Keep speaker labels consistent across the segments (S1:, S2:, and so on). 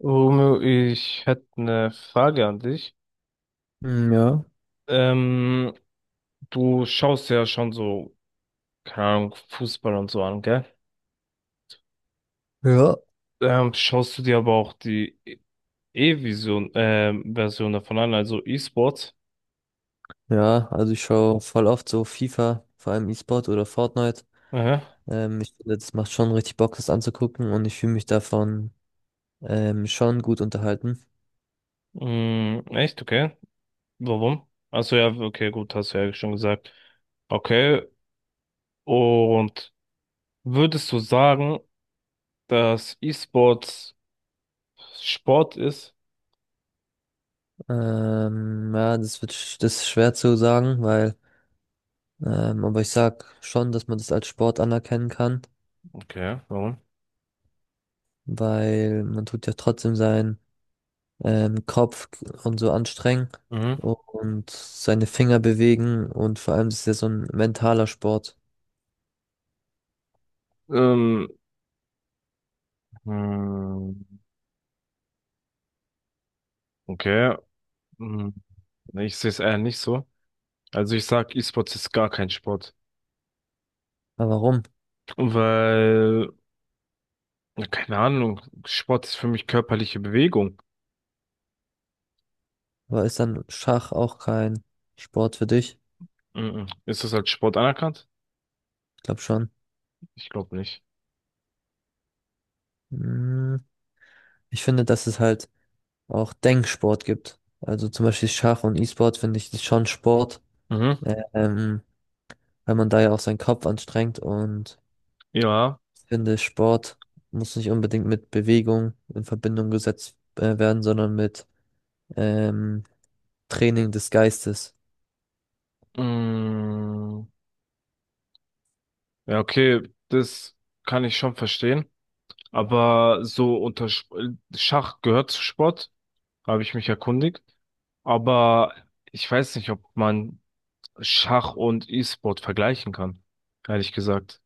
S1: Romeo, ich hätte eine Frage an dich.
S2: Mm, ja,
S1: Ähm, Du schaust ja schon so, keine Ahnung, Fußball und so an, gell?
S2: ja.
S1: Schaust du dir aber auch die E-Vision, Version davon an, also E-Sports?
S2: Ja, also ich schaue voll oft so FIFA, vor allem E-Sport oder Fortnite.
S1: Aha.
S2: Ich finde, das macht schon richtig Bock, das anzugucken, und ich fühle mich davon schon gut unterhalten.
S1: Mm, echt? Okay. Warum? Achso, ja, okay, gut, hast du ja schon gesagt. Okay. Und würdest du sagen, dass E-Sports Sport ist?
S2: Ja, das wird, das ist schwer zu sagen, weil, aber ich sag schon, dass man das als Sport anerkennen kann,
S1: Okay, warum?
S2: weil man tut ja trotzdem seinen Kopf und so anstrengen
S1: Mhm.
S2: und seine Finger bewegen, und vor allem das ist ja so ein mentaler Sport.
S1: Ähm, hm, okay. Mhm. Nee, ich sehe es eher nicht so. Also ich sag, E-Sports ist gar kein Sport.
S2: Aber warum?
S1: Weil, ja, keine Ahnung, Sport ist für mich körperliche Bewegung.
S2: Aber ist dann Schach auch kein Sport für dich?
S1: Mhm. Ist das als Sport anerkannt?
S2: Ich glaube schon.
S1: Ich glaube nicht.
S2: Hm, ich finde, dass es halt auch Denksport gibt. Also zum Beispiel Schach und E-Sport finde ich ist schon Sport,
S1: Mhm.
S2: ähm, weil man da ja auch seinen Kopf anstrengt, und
S1: Ja.
S2: ich finde, Sport muss nicht unbedingt mit Bewegung in Verbindung gesetzt werden, sondern mit ähm, Training des Geistes.
S1: Mhm. Ja, okay, das kann ich schon verstehen. Aber so unter Schach gehört zu Sport, habe ich mich erkundigt. Aber ich weiß nicht, ob man Schach und E-Sport vergleichen kann, ehrlich gesagt.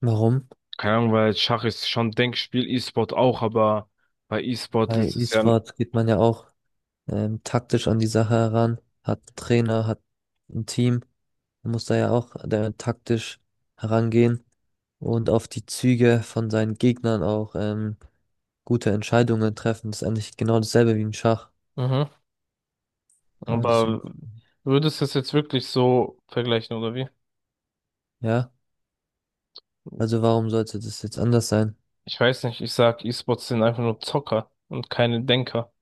S2: Warum?
S1: Keine Ahnung, weil Schach ist schon Denkspiel, E-Sport auch, aber bei E-Sport
S2: Bei
S1: ist es ja,
S2: E-Sport geht man ja auch taktisch an die Sache heran, hat einen Trainer, hat ein Team. Man muss da ja auch taktisch herangehen und auf die Züge von seinen Gegnern auch gute Entscheidungen treffen. Das ist eigentlich genau dasselbe wie im Schach.
S1: mhm,
S2: Ja, deswegen,
S1: aber würdest du es jetzt wirklich so vergleichen oder wie?
S2: ja. Also warum sollte das jetzt anders sein?
S1: Ich weiß nicht, ich sag, E-Sports sind einfach nur Zocker und keine Denker.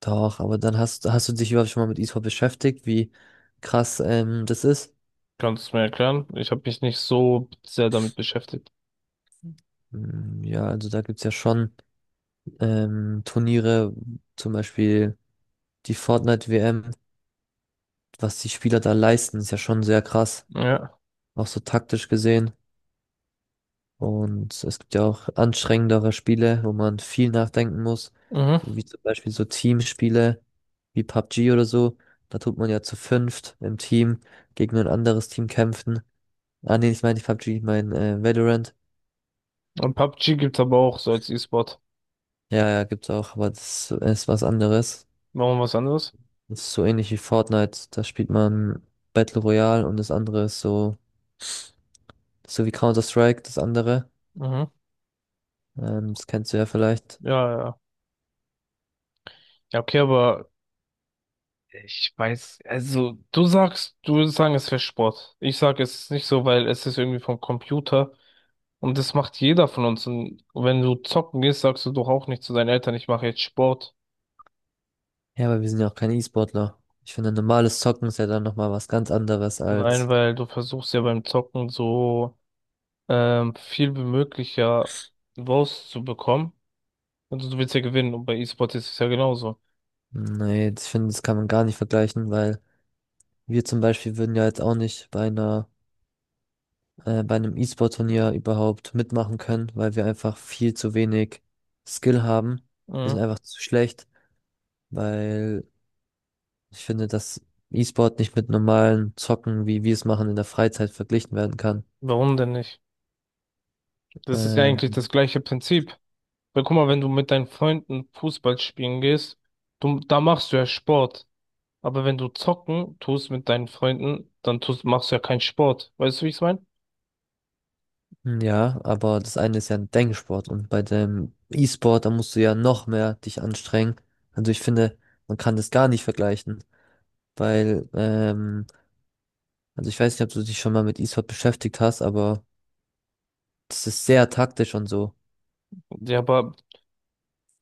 S2: Doch, aber dann hast du dich überhaupt schon mal mit Esport beschäftigt, wie krass das ist?
S1: Kannst du mir erklären? Ich habe mich nicht so sehr damit beschäftigt.
S2: Hm, ja, also da gibt's ja schon Turniere, zum Beispiel die Fortnite-WM. Was die Spieler da leisten, ist ja schon sehr krass,
S1: Ja.
S2: auch so taktisch gesehen. Und es gibt ja auch anstrengendere Spiele, wo man viel nachdenken muss,
S1: Mhm.
S2: wie zum Beispiel so Teamspiele wie PUBG oder so. Da tut man ja zu fünft im Team gegen ein anderes Team kämpfen. Ah nee, ich meine nicht PUBG, ich meine Valorant.
S1: Und PUBG gibt's aber auch so als E-Sport.
S2: Ja, ja, gibt's auch, aber das ist was anderes.
S1: Machen wir was anderes?
S2: Das ist so ähnlich wie Fortnite. Da spielt man Battle Royale, und das andere ist so, so wie Counter-Strike, das andere.
S1: Mhm.
S2: Das kennst du ja vielleicht.
S1: Ja, ja. Ja, okay, aber ich weiß, also du sagst, du würdest sagen, es wäre Sport. Ich sage, es ist nicht so, weil es ist irgendwie vom Computer und das macht jeder von uns. Und wenn du zocken gehst, sagst du doch auch nicht zu deinen Eltern, ich mache jetzt Sport.
S2: Ja, aber wir sind ja auch keine E-Sportler. Ich finde, normales Zocken ist ja dann nochmal was ganz anderes
S1: Nein,
S2: als,
S1: weil du versuchst ja beim Zocken so viel wie möglich ja rauszubekommen. Also du willst ja gewinnen und bei E-Sport ist es ja genauso.
S2: nee, ich finde, das kann man gar nicht vergleichen, weil wir zum Beispiel würden ja jetzt auch nicht bei einer, bei einem E-Sport-Turnier überhaupt mitmachen können, weil wir einfach viel zu wenig Skill haben. Wir sind
S1: Mhm.
S2: einfach zu schlecht, weil ich finde, dass E-Sport nicht mit normalen Zocken, wie wir es machen, in der Freizeit verglichen werden kann.
S1: Warum denn nicht? Das ist ja eigentlich
S2: Ähm,
S1: das gleiche Prinzip. Weil guck mal, wenn du mit deinen Freunden Fußball spielen gehst, du, da machst du ja Sport. Aber wenn du zocken tust mit deinen Freunden, dann tust, machst du ja keinen Sport. Weißt du, wie ich es meine?
S2: Ja, aber das eine ist ja ein Denksport, und bei dem E-Sport, da musst du ja noch mehr dich anstrengen. Also ich finde, man kann das gar nicht vergleichen, weil, also ich weiß nicht, ob du dich schon mal mit E-Sport beschäftigt hast, aber das ist sehr taktisch und so.
S1: Ja, aber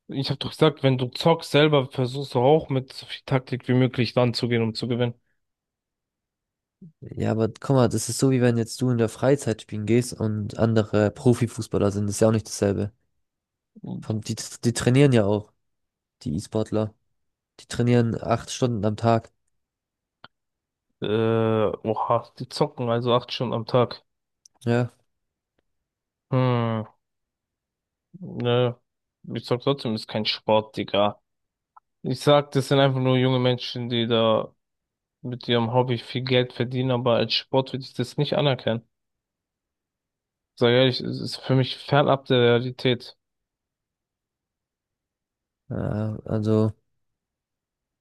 S1: ich habe doch gesagt, wenn du zockst selber, versuchst du auch mit so viel Taktik wie möglich ranzugehen, um zu gewinnen.
S2: Ja, aber guck mal, das ist so, wie wenn jetzt du in der Freizeit spielen gehst und andere Profifußballer sind, das ist ja auch nicht dasselbe. Die, die trainieren ja auch, die E-Sportler. Die trainieren 8 Stunden am Tag.
S1: Oha, die zocken also 8 Stunden am Tag.
S2: Ja,
S1: Hm, ne. Ich sag trotzdem, ist kein Sport, Digga. Ich sag, das sind einfach nur junge Menschen, die da mit ihrem Hobby viel Geld verdienen, aber als Sport würde ich das nicht anerkennen. Sag ehrlich, es ist für mich fernab der Realität.
S2: also.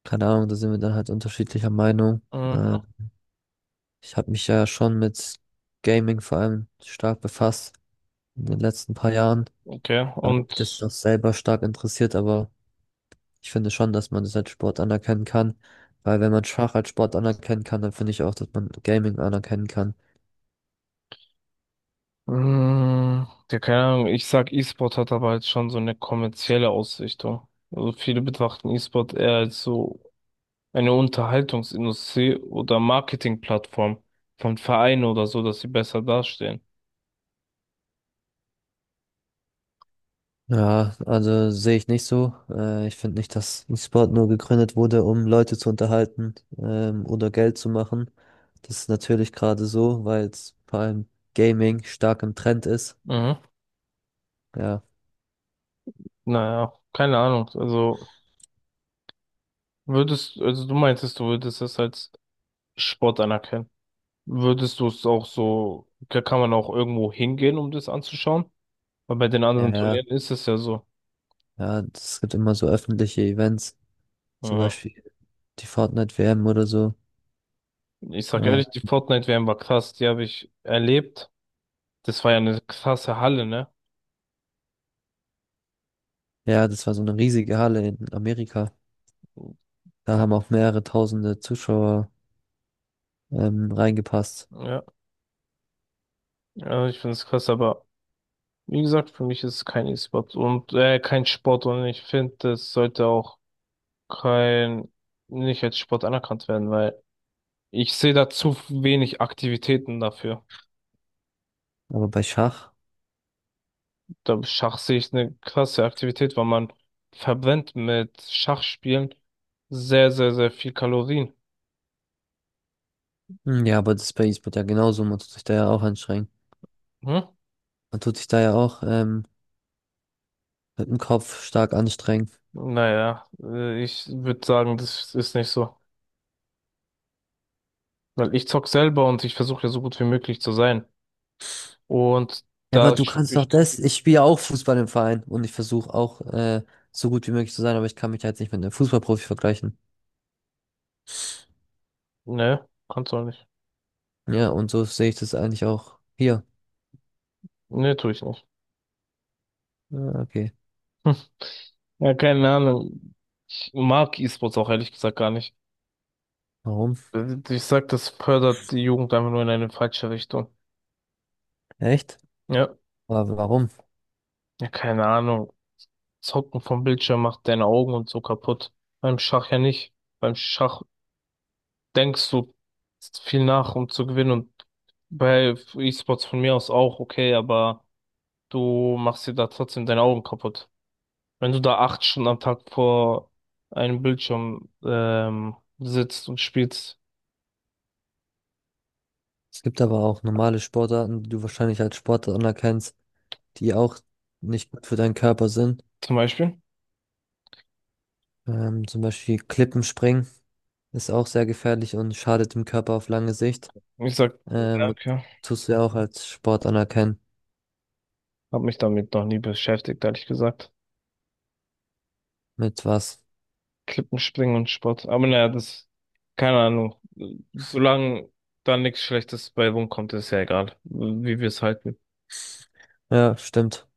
S2: Keine Ahnung, da sind wir dann halt unterschiedlicher Meinung. Äh,
S1: Mhm.
S2: Ich habe mich ja schon mit Gaming vor allem stark befasst in den letzten paar Jahren.
S1: Okay,
S2: Mich
S1: und
S2: das ist auch selber stark interessiert, aber ich finde schon, dass man das als Sport anerkennen kann. Weil wenn man Schach als Sport anerkennen kann, dann finde ich auch, dass man Gaming anerkennen kann.
S1: ja, keine Ahnung, ich sag, E-Sport hat aber jetzt schon so eine kommerzielle Ausrichtung. Also viele betrachten E-Sport eher als so eine Unterhaltungsindustrie oder Marketingplattform von Vereinen oder so, dass sie besser dastehen.
S2: Ja, also sehe ich nicht so. Ich finde nicht, dass ein Sport nur gegründet wurde, um Leute zu unterhalten, oder Geld zu machen. Das ist natürlich gerade so, weil jetzt vor allem Gaming stark im Trend ist.
S1: Mhm.
S2: Ja,
S1: Naja, keine Ahnung. Also würdest, also du meintest, du würdest es als Sport anerkennen. Würdest du es auch so, da kann man auch irgendwo hingehen, um das anzuschauen? Weil bei den
S2: ja,
S1: anderen
S2: ja,
S1: Turnieren ist es ja so.
S2: ja, es gibt immer so öffentliche Events, zum
S1: Mhm.
S2: Beispiel die Fortnite-WM oder so.
S1: Ich sag
S2: Äh,
S1: ehrlich, die Fortnite-WM war krass, die habe ich erlebt. Das war ja eine krasse Halle, ne?
S2: ja, das war so eine riesige Halle in Amerika. Da haben auch mehrere tausende Zuschauer, reingepasst.
S1: Ja, ja, ich finde es krass, aber wie gesagt, für mich ist es kein E-Sport und kein Sport und ich finde, das sollte auch kein, nicht als Sport anerkannt werden, weil ich sehe da zu wenig Aktivitäten dafür.
S2: Aber bei Schach,
S1: Da Schach sehe ich eine krasse Aktivität, weil man verbrennt mit Schachspielen sehr, sehr, sehr viel Kalorien.
S2: hm, ja, aber das ist bei E-Sport ja genauso, man tut sich da ja auch anstrengen.
S1: Hm?
S2: Man tut sich da ja auch mit dem Kopf stark anstrengen.
S1: Naja, ich würde sagen, das ist nicht so. Weil ich zock selber und ich versuche ja so gut wie möglich zu sein. Und
S2: Ja, aber
S1: da
S2: du kannst
S1: spüre
S2: doch
S1: ich kein.
S2: das. Ich spiele ja auch Fußball im Verein und ich versuche auch so gut wie möglich zu sein, aber ich kann mich halt nicht mit einem Fußballprofi vergleichen.
S1: Ne, kannst du auch nicht.
S2: Ja, und so sehe ich das eigentlich auch hier.
S1: Ne, tue ich nicht.
S2: Ja, okay.
S1: Ja, keine Ahnung. Ich mag E-Sports auch ehrlich gesagt gar nicht.
S2: Warum?
S1: Ich sag, das fördert die Jugend einfach nur in eine falsche Richtung.
S2: Echt?
S1: Ja,
S2: Aber warum?
S1: ja, keine Ahnung. Zocken vom Bildschirm macht deine Augen und so kaputt. Beim Schach ja nicht. Beim Schach denkst du viel nach, um zu gewinnen und bei E-Sports von mir aus auch okay, aber du machst dir da trotzdem deine Augen kaputt. Wenn du da 8 Stunden am Tag vor einem Bildschirm sitzt und spielst,
S2: Es gibt aber auch normale Sportarten, die du wahrscheinlich als Sportart anerkennst, die auch nicht gut für deinen Körper sind.
S1: zum Beispiel.
S2: Zum Beispiel Klippenspringen ist auch sehr gefährlich und schadet dem Körper auf lange Sicht.
S1: Ich sag,
S2: Ähm,
S1: danke,
S2: Tust du ja auch als Sport anerkennen.
S1: hab mich damit noch nie beschäftigt, ehrlich gesagt.
S2: Mit was?
S1: Klippenspringen und Sport. Aber naja, das, keine Ahnung. Solange da nichts Schlechtes bei rumkommt, ist ja egal, wie wir es halten.
S2: Ja, stimmt.